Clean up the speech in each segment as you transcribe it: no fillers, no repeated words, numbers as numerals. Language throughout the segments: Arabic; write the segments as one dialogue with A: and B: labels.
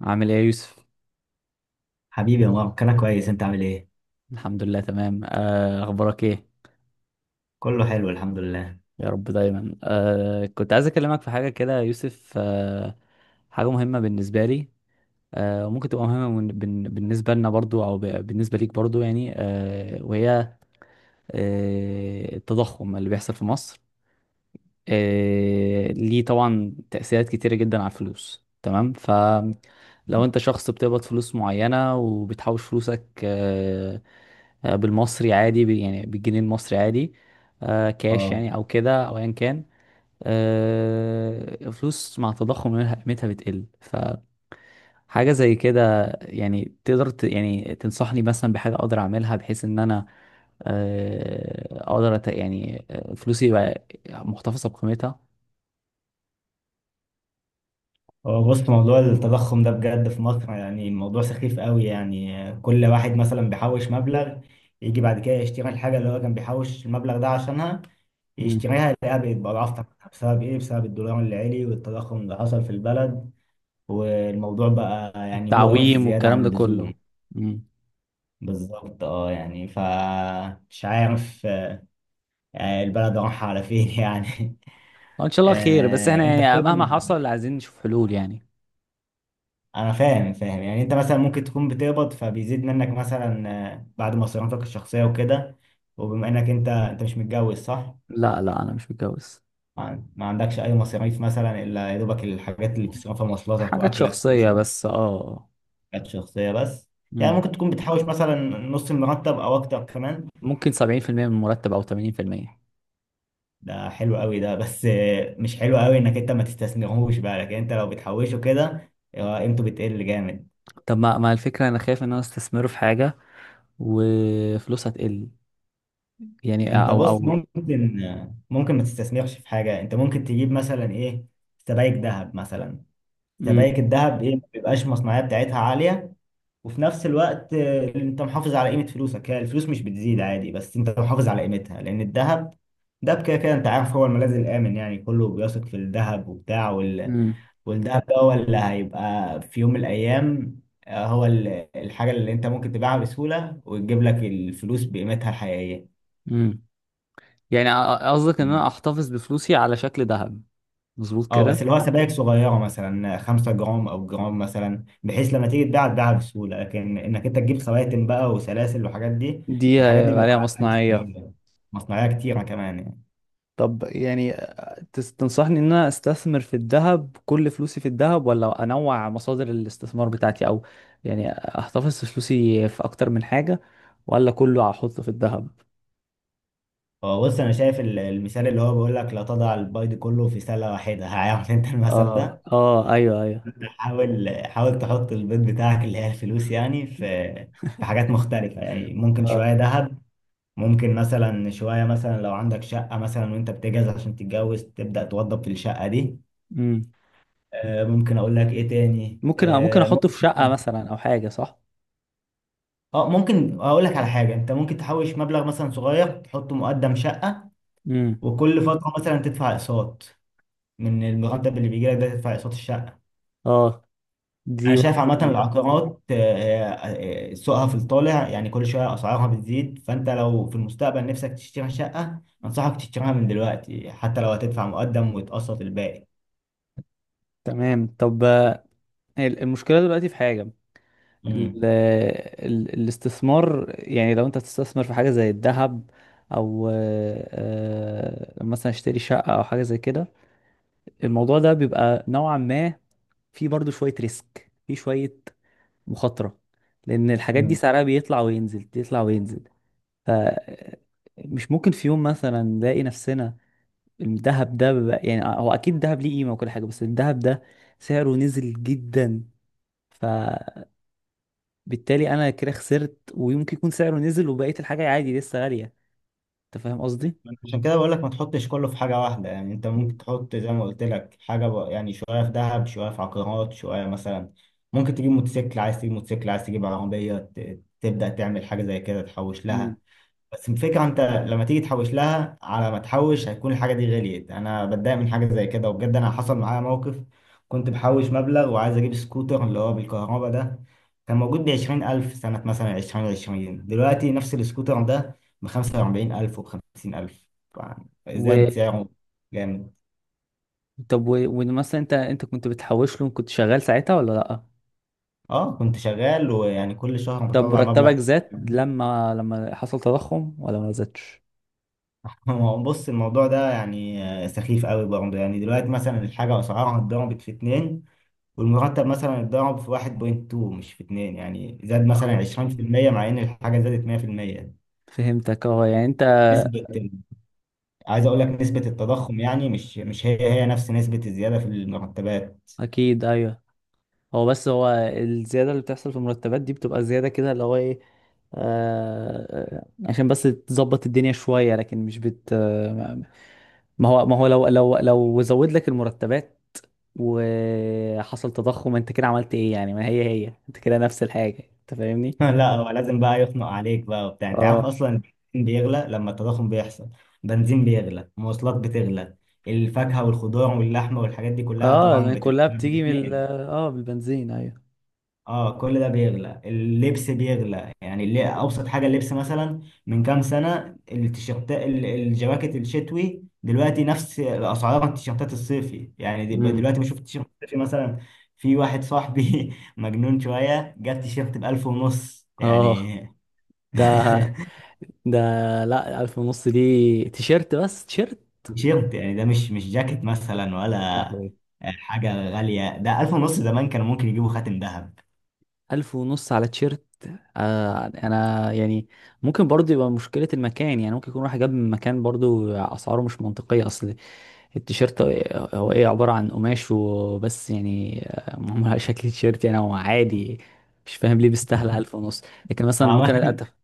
A: عامل ايه يا يوسف؟
B: حبيبي يا مارك، انا كويس. انت عامل ايه؟
A: الحمد لله تمام. اخبارك ايه؟
B: كله حلو الحمد لله.
A: يا رب دايما. كنت عايز اكلمك في حاجه كده يا يوسف، حاجه مهمه بالنسبه لي، وممكن تبقى مهمه بالنسبه لنا برضو او بالنسبه ليك برضو يعني، وهي التضخم اللي بيحصل في مصر. ليه طبعا تأثيرات كتيرة جدا على الفلوس. تمام، فلو انت شخص بتقبض فلوس معينة وبتحوش فلوسك، بالمصري عادي، يعني بالجنيه المصري عادي، كاش
B: اه،
A: يعني او كده او ايا كان، فلوس مع تضخم قيمتها بتقل. فحاجة زي كده يعني، تقدر يعني تنصحني مثلا بحاجة اقدر اعملها بحيث ان انا اقدر يعني فلوسي يبقى محتفظة بقيمتها؟
B: هو بص، موضوع التضخم ده بجد في مصر، يعني الموضوع سخيف قوي. يعني كل واحد مثلا بيحوش مبلغ، يجي بعد كده يشتري الحاجه اللي هو كان بيحوش المبلغ ده عشانها، يشتريها يلاقيها بقت بأضعاف ثمنها. بسبب ايه؟ بسبب الدولار اللي عالي والتضخم اللي حصل في البلد. والموضوع بقى يعني مقرف
A: التعويم
B: زياده
A: والكلام
B: عن
A: ده كله.
B: اللزوم.
A: امم.
B: بالظبط اه، يعني فمش عارف البلد رايحه على فين يعني.
A: ان شاء الله خير، بس احنا
B: انت
A: يعني مهما
B: بتقبض،
A: حصل عايزين نشوف حلول يعني.
B: انا فاهم فاهم. يعني انت مثلا ممكن تكون بتقبض فبيزيد منك مثلا بعد مصاريفك الشخصيه وكده. وبما انك انت مش متجوز صح؟
A: لا، لا انا مش متجوز.
B: ما ما عندكش اي مصاريف مثلا الا يا دوبك الحاجات اللي بتصرفها، مواصلاتك
A: حاجات
B: واكلك
A: شخصية
B: وشغلك
A: بس، اه.
B: الشخصيه بس. يعني
A: امم.
B: ممكن تكون بتحوش مثلا نص المرتب او اكتر كمان.
A: ممكن 70% من المرتب او 80%.
B: ده حلو قوي ده، بس مش حلو قوي انك انت ما تستثمرهوش بقى، لكن انت لو بتحوشه كده قيمته بتقل جامد.
A: طب ما الفكرة، انا خايف ان انا استثمره في حاجة وفلوسها تقل، يعني
B: انت
A: او
B: بص،
A: او
B: ممكن ممكن ما تستثمرش في حاجه. انت ممكن تجيب مثلا ايه، سبائك ذهب مثلا.
A: امم.
B: سبائك الذهب ايه، ما بيبقاش المصنعيه بتاعتها عاليه، وفي نفس الوقت انت محافظ على قيمه فلوسك. هي الفلوس مش بتزيد عادي، بس انت محافظ على قيمتها لان الذهب ده كده كده انت عارف، هو الملاذ الامن. يعني كله بيثق في الذهب وبتاع وال...
A: امم.
B: والذهب ده هو اللي هيبقى في يوم من الايام آه، هو ال- الحاجه اللي انت ممكن تبيعها بسهوله وتجيب لك الفلوس بقيمتها الحقيقيه.
A: امم، يعني قصدك ان انا احتفظ بفلوسي على شكل ذهب؟ مظبوط
B: اه بس
A: كده؟
B: اللي هو سبائك صغيره، مثلا 5 جرام او جرام مثلا، بحيث لما تيجي تباع تباعها بسهوله. لكن انك انت تجيب خواتم بقى وسلاسل والحاجات دي،
A: دي
B: الحاجات دي بيبقى
A: عليها
B: معاها فلوس
A: مصنعية.
B: كبيرة. مصنعيه كتيره كمان يعني.
A: طب يعني، تنصحني ان انا استثمر في الذهب، كل فلوسي في الذهب، ولا انوع مصادر الاستثمار بتاعتي، او يعني احتفظ في فلوسي في اكتر من حاجة، ولا كله احطه في الذهب؟
B: هو بص، انا شايف المثال اللي هو بيقول لك لا تضع البيض كله في سله واحده. هعمل انت المثل
A: اه
B: ده.
A: اه، ايوه ايوه.
B: أنت حاول، حاول تحط البيض بتاعك اللي هي الفلوس يعني في في حاجات مختلفه. يعني ممكن شويه ذهب، ممكن مثلا شوية، مثلا لو عندك شقة مثلا وانت بتجهز عشان تتجوز تبدأ توضب في الشقة دي.
A: امم.
B: ممكن اقول لك ايه تاني،
A: ممكن، ممكن احطه في شقة
B: ممكن.
A: مثلا او حاجة، صح.
B: اه ممكن اقول لك على حاجه. انت ممكن تحوش مبلغ مثلا صغير تحطه مقدم شقه،
A: امم.
B: وكل فتره مثلا تدفع اقساط، من المرتب اللي بيجي لك ده تدفع اقساط الشقه.
A: اه،
B: انا
A: دي
B: شايف
A: برضه
B: عامه
A: فكرة.
B: العقارات سوقها في الطالع. يعني كل شويه اسعارها بتزيد. فانت لو في المستقبل نفسك تشتري شقه انصحك تشتريها من دلوقتي، حتى لو هتدفع مقدم وتقسط الباقي.
A: تمام. طب، المشكلة دلوقتي في حاجة، الاستثمار يعني، لو انت تستثمر في حاجة زي الذهب او مثلا اشتري شقة او حاجة زي كده، الموضوع ده بيبقى نوعا ما فيه برضو شوية ريسك، فيه شوية مخاطرة، لان الحاجات دي
B: امم،
A: سعرها بيطلع وينزل، يطلع وينزل. ف مش ممكن في يوم مثلا نلاقي نفسنا، الذهب ده بقى، يعني هو اكيد الذهب ليه قيمة وكل حاجة، بس الذهب ده سعره نزل جدا، بالتالي انا كده خسرت. ويمكن يكون سعره نزل وبقيت الحاجه عادي لسه غاليه. انت فاهم قصدي؟
B: عشان كده بقول لك ما تحطش كله في حاجة واحدة. يعني انت
A: مم.
B: ممكن تحط زي ما قلت لك حاجة بقى، يعني شوية في ذهب شوية في عقارات شوية مثلا، ممكن تجيب موتوسيكل، عايز تجيب موتوسيكل عايز تجيب عربية، تبدأ تعمل حاجة زي كده تحوش
A: مم.
B: لها. بس الفكرة انت لما تيجي تحوش لها، على ما تحوش هتكون الحاجة دي غليت. انا بتضايق من حاجة زي كده، وبجد انا حصل معايا موقف. كنت بحوش مبلغ وعايز اجيب سكوتر اللي هو بالكهرباء ده، كان موجود بعشرين ألف سنة مثلا، عشرين عشرين. دلوقتي نفس السكوتر ده بخمسة وأربعين ألف وبخمسين ألف يعني.
A: و...
B: زاد سعره جامد.
A: طب و... ومثلا انت، كنت بتحوش له، كنت شغال ساعتها ولا لا؟
B: اه، كنت شغال، ويعني كل شهر
A: طب
B: بطلع مبلغ
A: مرتبك
B: كده.
A: زاد لما حصل تضخم ولا ما زادش؟
B: هو بص، الموضوع ده يعني سخيف قوي برضه. يعني دلوقتي مثلا الحاجة أسعارها اتضربت في اتنين، والمرتب مثلا اتضرب في 1.2 مش في 2 يعني، زاد مثلا 20% مع ان الحاجة زادت 100%.
A: فهمتك، اه، يعني انت
B: نسبة، عايز اقول لك نسبة التضخم يعني مش هي هي نفس نسبة الزيادة في المرتبات.
A: اكيد، ايوه. هو بس، هو الزياده اللي بتحصل في المرتبات دي بتبقى زياده كده اللي هو ايه، آه... عشان بس تظبط الدنيا شويه، لكن مش بت ما هو، لو زود لك المرتبات وحصل تضخم، انت كده عملت ايه يعني؟ ما هي هي، انت كده نفس الحاجة. انت فاهمني؟
B: لا، هو لازم بقى يخنق عليك بقى وبتاع. انت عارف
A: اه،
B: اصلا البنزين بيغلى لما التضخم بيحصل، بنزين بيغلى مواصلات بتغلى، الفاكهة والخضار واللحمة والحاجات دي كلها
A: اه
B: طبعا
A: لان كلها بتيجي من
B: بتتنقل.
A: اه بالبنزين، ايوه.
B: اه، كل ده بيغلى، اللبس بيغلى. يعني اللي ابسط حاجه اللبس مثلا، من كام سنه التيشيرت الجواكت الشتوي دلوقتي نفس اسعار التيشيرتات الصيفي يعني.
A: امم.
B: دلوقتي بشوف التيشيرت الصيفي مثلا، في واحد صاحبي مجنون شويه جاب تيشيرت ب 1000 ونص
A: اه،
B: يعني.
A: ده ده، لا، الف ونص دي تيشيرت، بس تيشيرت.
B: تيشيرت يعني، ده مش جاكيت مثلا
A: يا
B: ولا
A: لهوي.
B: حاجه غاليه، ده 1000 ونص. زمان كانوا ممكن يجيبوا خاتم ذهب.
A: ألف ونص على تيشيرت؟ آه أنا يعني، ممكن برضه يبقى مشكلة المكان، يعني ممكن يكون واحد جاب من مكان برضه أسعاره مش منطقية. أصل التيشيرت هو إيه؟ عبارة عن قماش وبس يعني، معمول على شكل تيشيرت، يعني هو عادي. مش فاهم ليه بيستاهل ألف ونص. لكن مثلا ممكن أتف...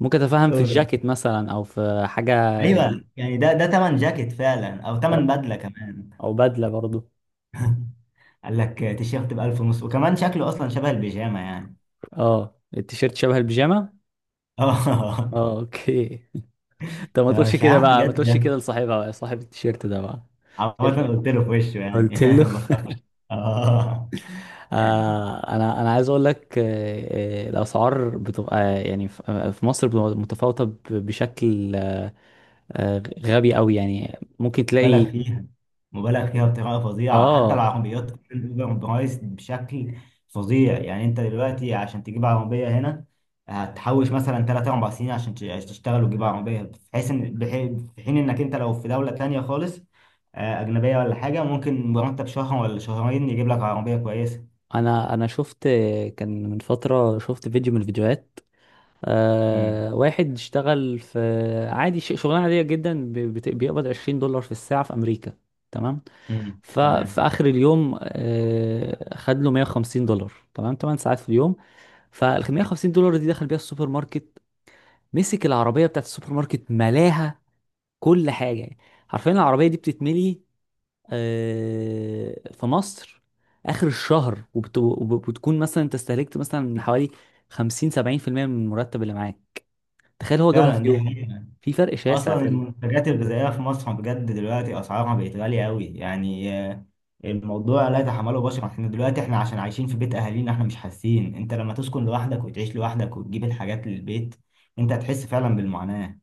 A: ممكن أتفهم في
B: وعمال-
A: الجاكيت مثلا أو في حاجة، دي
B: ايوه يعني، ده تمن جاكيت فعلا او تمن بدله كمان.
A: أو بدلة برضه.
B: قال لك تيشيرت ب 1000 ونص وكمان شكله اصلا شبه البيجامه يعني.
A: أه، التيشيرت شبه البيجامة؟
B: اه
A: أه، أوكي. طب ما تقولش
B: فمش
A: كده
B: عارف
A: بقى، ما
B: بجد.
A: تقولش كده لصاحبها، صاحب التيشيرت ده بقى.
B: عمال قلت له في وشه يعني.
A: قلت له؟
B: بخاف. اه،
A: انا عايز اقول لك، الاسعار بتبقى يعني في، في مصر بتبقى متفاوته بشكل آه غبي قوي يعني، ممكن
B: مبالغ
A: تلاقي
B: فيها، مبالغ فيها بطريقه فظيعه، حتى
A: اه.
B: العربيات كمان اوفر برايس بشكل فظيع يعني. انت دلوقتي عشان تجيب عربيه هنا هتحوش مثلا 3 4 سنين عشان عشان تشتغل وتجيب عربيه، بحيث ان في حين انك انت لو في دوله تانية خالص اجنبيه ولا حاجه، ممكن مرتب شهر ولا شهرين يجيب لك عربيه كويسه.
A: انا شفت، كان من فتره شفت فيديو من الفيديوهات،
B: امم،
A: آه واحد اشتغل في عادي، شغلانه عاديه جدا، بيقبض 20 دولار في الساعه في امريكا، تمام.
B: امم،
A: ففي
B: تمام.
A: اخر اليوم آه خد له 150 دولار، تمام، 8 ساعات في اليوم. فال 550 دولار دي دخل بيها السوبر ماركت، مسك العربيه بتاعت السوبر ماركت، ملاها كل حاجه يعني. حرفيا العربيه دي بتتملي. في مصر اخر الشهر، وبتكون مثلا انت استهلكت مثلا من حوالي 50 70% من المرتب اللي معاك. تخيل، هو جابها في
B: فعلا دي
A: يوم!
B: حقيقة.
A: في فرق شاسع
B: أصلا
A: في ال...
B: المنتجات الغذائية في مصر بجد دلوقتي أسعارها بقت غالية أوي، يعني الموضوع لا يتحمله بشر. احنا دلوقتي، احنا عشان عايشين في بيت اهالينا احنا مش حاسين. انت لما تسكن لوحدك وتعيش لوحدك وتجيب الحاجات للبيت انت هتحس فعلا بالمعاناة.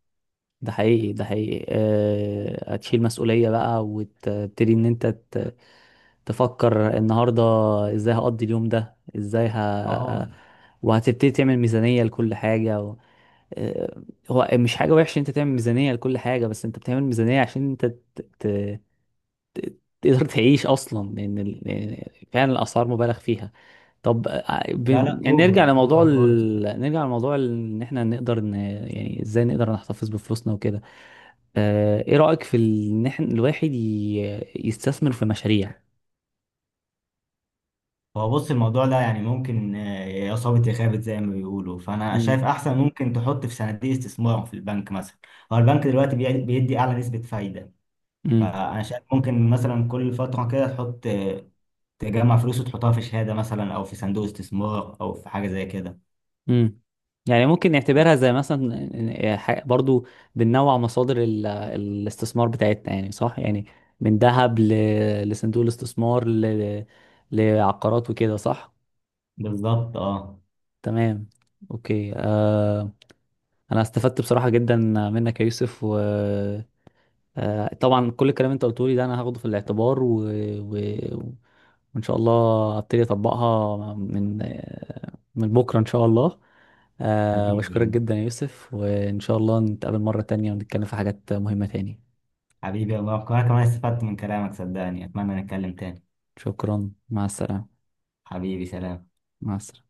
A: ده حقيقي، ده حقيقي. أه... هتشيل مسؤولية بقى وتبتدي ان انت ت... تفكر النهارده ازاي هقضي اليوم ده، ازاي
B: اه،
A: ه... وهتبتدي تعمل ميزانية لكل حاجة، و... آه، هو مش حاجة وحشة انت تعمل ميزانية لكل حاجة، بس انت بتعمل ميزانية عشان انت ت... ت... تقدر تعيش اصلا، لان لأن فعلا الاسعار مبالغ فيها. طب ب...
B: لا لا،
A: يعني
B: اوفر
A: نرجع لموضوع
B: اوفر خالص.
A: ال... نرجع لموضوع ان احنا نقدر ن... يعني ازاي نقدر نحتفظ بفلوسنا وكده؟ ايه رأيك في ان احنا الواحد ي... يستثمر في مشاريع؟
B: هو بص، الموضوع ده يعني ممكن يا صابت يا خابت زي ما بيقولوا. فانا شايف احسن ممكن تحط في صناديق استثمار في البنك مثلا. هو البنك دلوقتي بيدي اعلى نسبة فايدة.
A: امم.
B: فانا شايف ممكن مثلا كل فترة كده تحط تجمع فلوس وتحطها في شهادة مثلا او في صندوق استثمار او في حاجة زي كده.
A: امم. يعني ممكن نعتبرها زي مثلا برضو بننوع مصادر الاستثمار بتاعتنا، يعني صح يعني، من ذهب ل... لصندوق الاستثمار ل... لعقارات وكده، صح.
B: بالظبط اه.
A: تمام. اوكي. آه... انا استفدت بصراحة جدا منك يا يوسف. طبعا كل الكلام اللي انت قلته لي ده انا هاخده في الاعتبار، و... و... وان شاء الله ابتدي اطبقها من من بكره ان شاء الله. واشكرك
B: حبيبي،
A: جدا يا يوسف، وان شاء الله نتقابل مره تانية ونتكلم في حاجات مهمه تاني.
B: حبيبي يا مروان، كمان كمان استفدت من كلامك صدقني، اتمنى نتكلم تاني.
A: شكرا، مع السلامه.
B: حبيبي سلام.
A: مع السلامه.